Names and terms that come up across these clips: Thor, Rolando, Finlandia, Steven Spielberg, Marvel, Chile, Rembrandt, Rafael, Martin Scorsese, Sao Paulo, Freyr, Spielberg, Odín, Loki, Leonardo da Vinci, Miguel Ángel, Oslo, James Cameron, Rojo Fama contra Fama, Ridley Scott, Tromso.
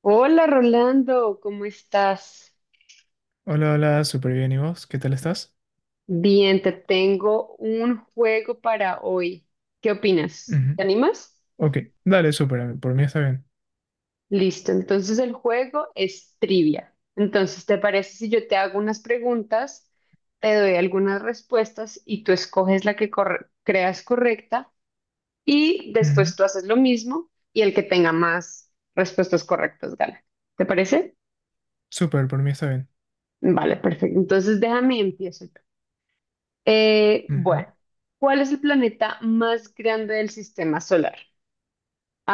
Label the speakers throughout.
Speaker 1: Hola Rolando, ¿cómo estás?
Speaker 2: Hola, hola, súper bien. ¿Y vos? ¿Qué tal estás?
Speaker 1: Bien, te tengo un juego para hoy. ¿Qué opinas?
Speaker 2: Ujú.
Speaker 1: ¿Te animas?
Speaker 2: Ok, dale, súper. Por mí está bien.
Speaker 1: Listo, entonces el juego es trivia. Entonces, ¿te parece si yo te hago unas preguntas, te doy algunas respuestas y tú escoges la que creas correcta y
Speaker 2: Ujú.
Speaker 1: después tú haces lo mismo y el que tenga más respuestas correctas gana? ¿Te parece?
Speaker 2: Súper, por mí está bien.
Speaker 1: Vale, perfecto. Entonces déjame empiezo.
Speaker 2: Ujú.
Speaker 1: Bueno, ¿cuál es el planeta más grande del sistema solar?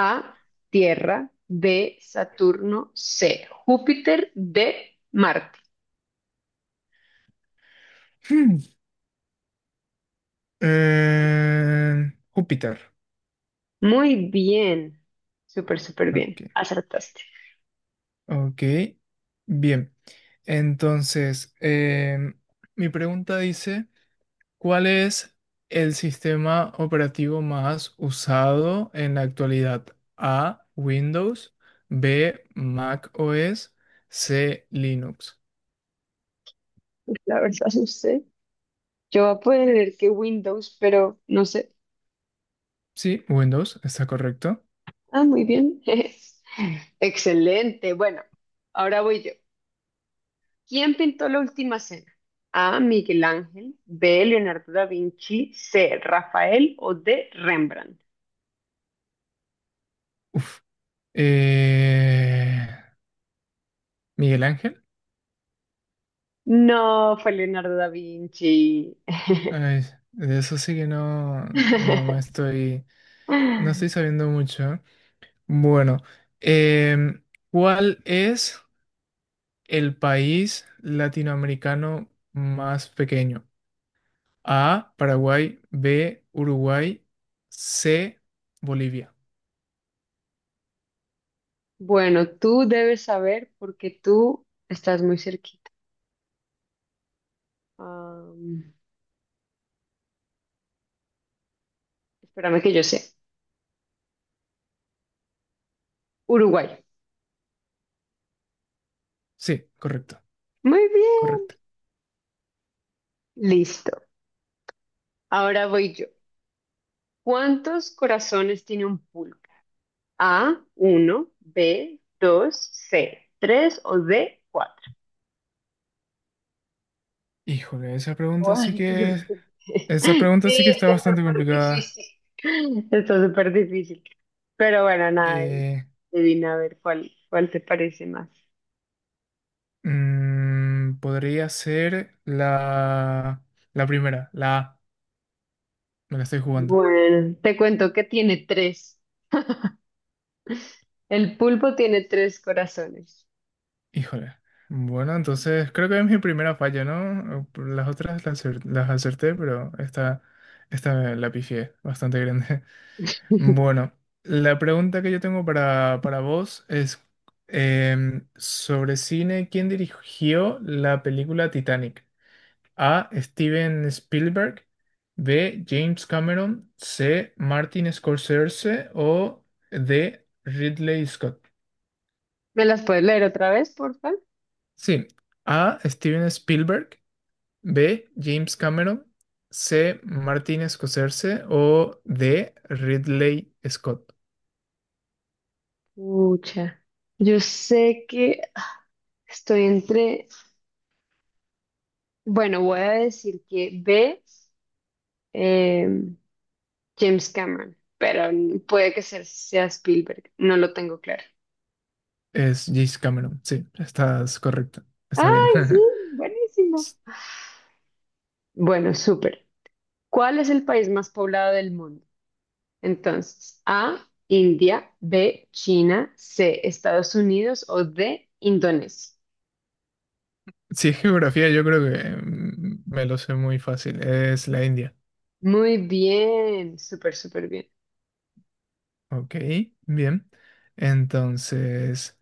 Speaker 1: A, Tierra, B, Saturno, C, Júpiter, D, Marte.
Speaker 2: Hmm. Júpiter.
Speaker 1: Muy bien, súper, súper
Speaker 2: Ok,
Speaker 1: bien, acertaste.
Speaker 2: ok. Bien. Entonces, mi pregunta dice, ¿cuál es el sistema operativo más usado en la actualidad? A, Windows, B, Mac OS, C, Linux.
Speaker 1: La verdad, no sé. Yo voy a poner que Windows, pero no sé.
Speaker 2: Sí, Windows, está correcto.
Speaker 1: Ah, muy bien. Excelente. Bueno, ahora voy yo. ¿Quién pintó la última cena? A. Miguel Ángel, B. Leonardo da Vinci, C. Rafael o D. Rembrandt.
Speaker 2: Uf. Eh, Miguel Ángel.
Speaker 1: No, fue Leonardo da Vinci.
Speaker 2: Ay, de eso sí que no, no estoy sabiendo mucho. Bueno, em, ¿cuál es el país latinoamericano más pequeño? A, Paraguay, B, Uruguay, C, Bolivia.
Speaker 1: Bueno, tú debes saber porque tú estás muy cerquita. Am, espérame que yo sé. Uruguay.
Speaker 2: Sí, correcto,
Speaker 1: Muy bien.
Speaker 2: correcto.
Speaker 1: Listo. Ahora voy yo. ¿Cuántos corazones tiene un pulpo? A, uno, B, 2, C, 3 o D, cuatro.
Speaker 2: Híjole, esa pregunta
Speaker 1: o
Speaker 2: sí
Speaker 1: antes
Speaker 2: que es.
Speaker 1: que te-
Speaker 2: Esa pregunta sí
Speaker 1: Sí,
Speaker 2: que está
Speaker 1: está
Speaker 2: bastante
Speaker 1: súper
Speaker 2: complicada.
Speaker 1: difícil. Está súper difícil. Pero bueno, nada,
Speaker 2: Eh,
Speaker 1: adivina a ver cuál te parece más.
Speaker 2: podría ser la primera, la A. Me la estoy jugando.
Speaker 1: Bueno, te cuento que tiene tres. El pulpo tiene tres corazones.
Speaker 2: Híjole. Bueno, entonces creo que es mi primera falla, ¿no? Por las otras las acerté, pero esta la pifié bastante grande. Bueno, la pregunta que yo tengo para vos es sobre cine, ¿quién dirigió la película Titanic? A. Steven Spielberg. B. James Cameron. C. Martin Scorsese. O D. Ridley Scott.
Speaker 1: ¿Me las puedes leer otra vez, por favor?
Speaker 2: Sí. A. Steven Spielberg. B. James Cameron. C. Martin Scorsese. O D. Ridley Scott.
Speaker 1: Pucha. Yo sé que estoy entre. Bueno, voy a decir que B, eh, James Cameron, pero puede que sea Spielberg, no lo tengo claro.
Speaker 2: Es James Cameron. Sí, estás correcta. Está bien.
Speaker 1: ¡Ay, sí! Buenísimo. Bueno, súper. ¿Cuál es el país más poblado del mundo? Entonces, A, India, B, China, C, Estados Unidos o D, Indonesia.
Speaker 2: Si es geografía, yo creo que me lo sé muy fácil. Es la India.
Speaker 1: Muy bien, súper, súper bien.
Speaker 2: Ok, bien. Entonces,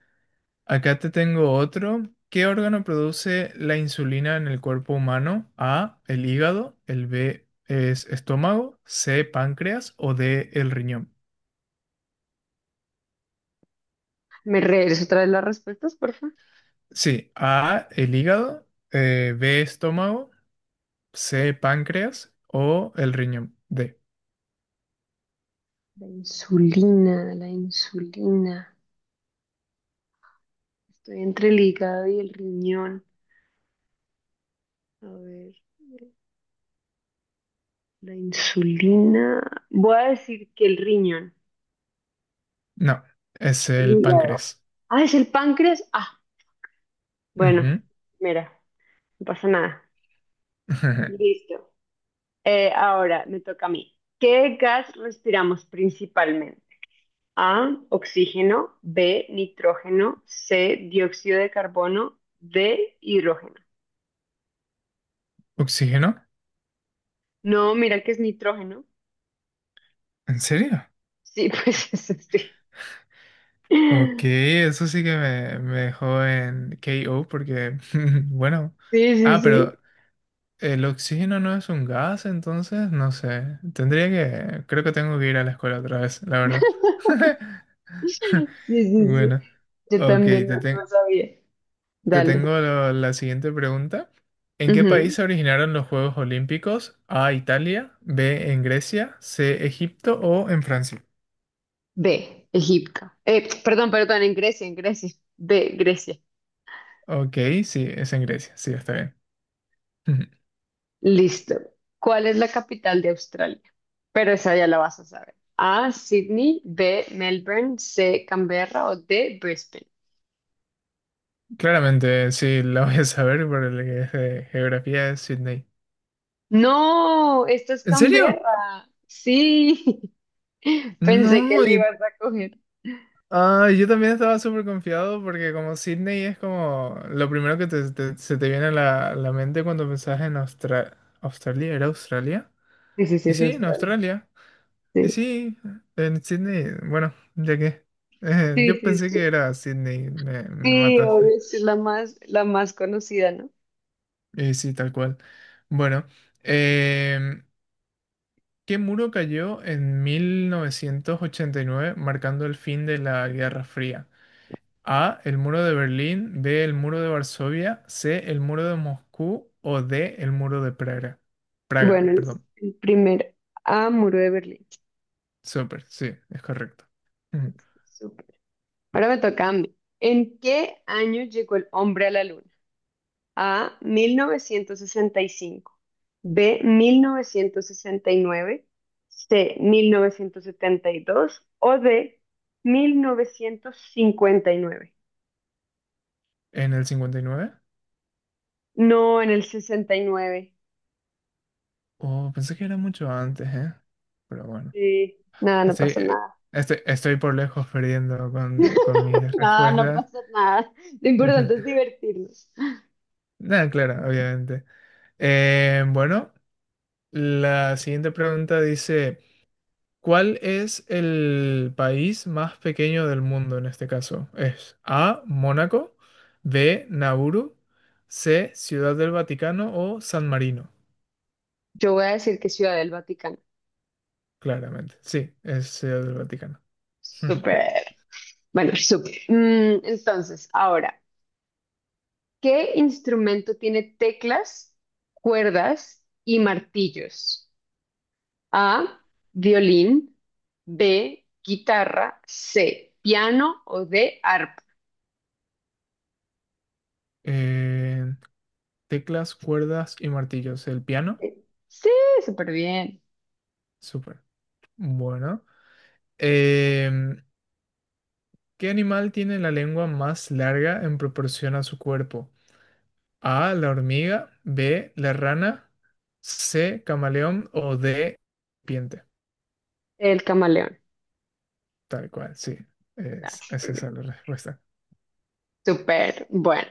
Speaker 2: acá te tengo otro. ¿Qué órgano produce la insulina en el cuerpo humano? A, el hígado, el B es estómago, C, páncreas o D, el riñón.
Speaker 1: ¿Me regreso otra vez las respuestas, por favor?
Speaker 2: Sí, A, el hígado, B, estómago, C, páncreas o el riñón. D.
Speaker 1: La insulina, la insulina. Estoy entre el hígado y el riñón. A ver. La insulina. Voy a decir que el riñón,
Speaker 2: No, es
Speaker 1: el
Speaker 2: el
Speaker 1: hígado.
Speaker 2: páncreas.
Speaker 1: Ah, es el páncreas. Ah, bueno,
Speaker 2: Ujú.
Speaker 1: mira, no pasa nada. Listo. Ahora me toca a mí. ¿Qué gas respiramos principalmente? A, oxígeno, B, nitrógeno, C, dióxido de carbono, D, hidrógeno.
Speaker 2: ¿Oxígeno?
Speaker 1: No, mira que es nitrógeno.
Speaker 2: ¿En serio?
Speaker 1: Sí, pues eso sí.
Speaker 2: Ok, eso sí que me dejó en KO porque, bueno,
Speaker 1: Sí, sí,
Speaker 2: ah,
Speaker 1: sí.
Speaker 2: pero el oxígeno no es un gas, entonces, no sé, creo que tengo que ir a la escuela otra vez, la verdad.
Speaker 1: Sí, sí, sí.
Speaker 2: Bueno,
Speaker 1: Yo
Speaker 2: ok,
Speaker 1: también no, no sabía.
Speaker 2: te
Speaker 1: Dale.
Speaker 2: tengo la siguiente pregunta. ¿En qué país
Speaker 1: Ujú.
Speaker 2: se originaron los Juegos Olímpicos? A, Italia, B, en Grecia, C, Egipto o en Francia.
Speaker 1: B, Egipto. Perdón, perdón, en Grecia, en Grecia. B, Grecia.
Speaker 2: Ok, sí, es en Grecia, sí, está bien.
Speaker 1: Listo. ¿Cuál es la capital de Australia? Pero esa ya la vas a saber. A, Sydney, B, Melbourne, C, Canberra o D, Brisbane.
Speaker 2: Claramente, sí, la voy a saber por el que es de geografía de Sydney.
Speaker 1: No, esta es
Speaker 2: ¿En serio?
Speaker 1: Canberra. Sí, pensé que
Speaker 2: No,
Speaker 1: le
Speaker 2: y-
Speaker 1: ibas a coger.
Speaker 2: ah, yo también estaba súper confiado porque como Sydney es como lo primero que se te viene a la mente cuando pensás en Australia, ¿era Australia?
Speaker 1: Sí, sí, sí,
Speaker 2: Y
Speaker 1: es
Speaker 2: sí, en
Speaker 1: Australia.
Speaker 2: Australia. Y
Speaker 1: Sí,
Speaker 2: sí, en Sydney, bueno, ya que
Speaker 1: sí,
Speaker 2: yo
Speaker 1: sí,
Speaker 2: pensé que
Speaker 1: sí,
Speaker 2: era Sydney, me
Speaker 1: Sí,
Speaker 2: mataste.
Speaker 1: obvio, sí, es la más conocida, ¿no?
Speaker 2: Y sí, tal cual. Bueno. em, ¿Qué muro cayó en 1989, marcando el fin de la Guerra Fría? A. El muro de Berlín. B. El muro de Varsovia. C. El muro de Moscú. O D. El muro de Praga. Praga,
Speaker 1: Bueno, el
Speaker 2: perdón.
Speaker 1: el primero. A, Muro de Berlín.
Speaker 2: Súper, sí, es correcto. Mm.
Speaker 1: Ahora me toca a mí. ¿En qué año llegó el hombre a la luna? A, 1965, B, 1969, C, 1972 O D, 1959.
Speaker 2: ¿En el 59?
Speaker 1: No, en el 69.
Speaker 2: Oh, pensé que era mucho antes, ¿eh? Pero bueno.
Speaker 1: Sí, nada, no
Speaker 2: Estoy,
Speaker 1: pasa nada.
Speaker 2: estoy por lejos perdiendo con mis
Speaker 1: No, no
Speaker 2: respuestas.
Speaker 1: pasa nada. Lo importante es divertirnos.
Speaker 2: Nada, claro, obviamente. Bueno. La siguiente pregunta dice, ¿cuál es el país más pequeño del mundo en este caso? ¿Es A, Mónaco, B, Nauru, C, Ciudad del Vaticano o San Marino?
Speaker 1: Yo voy a decir que Ciudad del Vaticano.
Speaker 2: Claramente, sí, es Ciudad del Vaticano.
Speaker 1: Súper. Bueno, súper. Entonces, ahora. ¿Qué instrumento tiene teclas, cuerdas y martillos? A, violín, B, guitarra, C, piano o D, arpa.
Speaker 2: Eh, teclas, cuerdas y martillos. ¿El piano?
Speaker 1: Eh, Sí, súper bien.
Speaker 2: Súper. Bueno. Em, ¿Qué animal tiene la lengua más larga en proporción a su cuerpo? A, la hormiga, B, la rana, C, camaleón o D, serpiente.
Speaker 1: El camaleón.
Speaker 2: Tal cual, sí.
Speaker 1: Ah,
Speaker 2: Es
Speaker 1: súper
Speaker 2: esa
Speaker 1: bien.
Speaker 2: la respuesta.
Speaker 1: Súper. Bueno,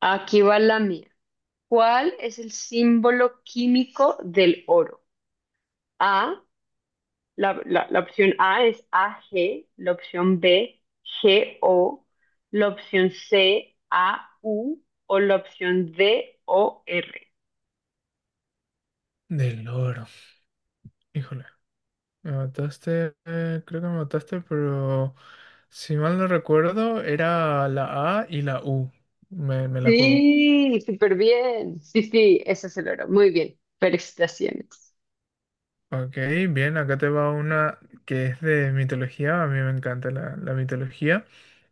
Speaker 1: aquí va la mía. ¿Cuál es el símbolo químico del oro? A, la opción A es AG, la opción B, GO, la opción C, AU o la opción D, OR.
Speaker 2: Del loro. Híjole, me mataste, creo que me mataste, pero si mal no recuerdo, era la A y la U. Me la juego.
Speaker 1: Sí, súper bien. Sí, sí, ese es el oro. Muy bien. Felicitaciones.
Speaker 2: Ok, bien, acá te va una que es de mitología. A mí me encanta la mitología.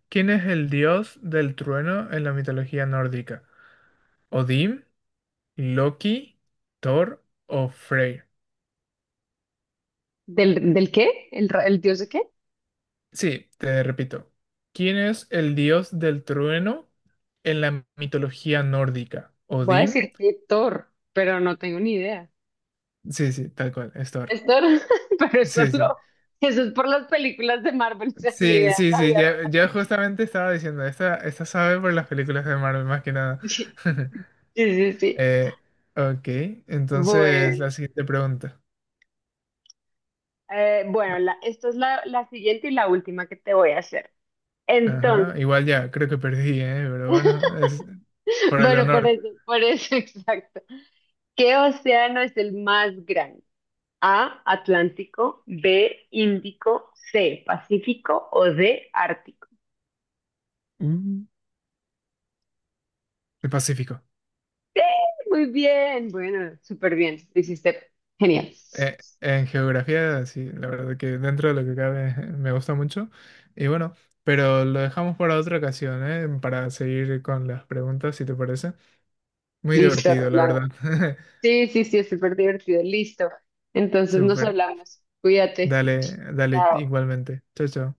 Speaker 2: ¿Quién es el dios del trueno en la mitología nórdica? ¿Odín? Loki, Thor o Freyr.
Speaker 1: ¿Del qué? ¿El dios de qué?
Speaker 2: Sí, te repito. ¿Quién es el dios del trueno en la mitología nórdica?
Speaker 1: Voy a
Speaker 2: ¿Odín?
Speaker 1: decir que Thor, pero no tengo ni idea.
Speaker 2: Sí, sí, tal cual, es Thor.
Speaker 1: Es Thor, pero eso
Speaker 2: Sí, sí.
Speaker 1: lo-. Eso es por las películas de Marvel, o sea, ni
Speaker 2: Sí,
Speaker 1: idea,
Speaker 2: sí,
Speaker 1: no
Speaker 2: sí,
Speaker 1: había.
Speaker 2: ya, ya justamente estaba diciendo, esta sabe por las películas de Marvel, más que nada.
Speaker 1: Sí, sí. Sí.
Speaker 2: Eh, ok, entonces
Speaker 1: Bueno.
Speaker 2: la siguiente pregunta.
Speaker 1: Bueno, esto es la siguiente y la última que te voy a hacer. Entonces,
Speaker 2: Ajá, igual ya, creo que perdí, ¿eh? Pero bueno, es por el
Speaker 1: bueno,
Speaker 2: honor.
Speaker 1: por eso, exacto. ¿Qué océano es el más grande? A, Atlántico, B, Índico, C, Pacífico o D, Ártico.
Speaker 2: Mm. El Pacífico.
Speaker 1: Muy bien, bueno, súper bien. Lo hiciste genial.
Speaker 2: En geografía, sí, la verdad que dentro de lo que cabe me gusta mucho. Y bueno, pero lo dejamos para otra ocasión, ¿eh? Para seguir con las preguntas, si te parece. Muy
Speaker 1: Listo,
Speaker 2: divertido, la verdad.
Speaker 1: Rolando. Sí, sí, sí, es súper divertido. Listo. Entonces nos
Speaker 2: Súper.
Speaker 1: hablamos. Cuídate.
Speaker 2: Dale, dale
Speaker 1: Chao.
Speaker 2: igualmente. Chao, chao.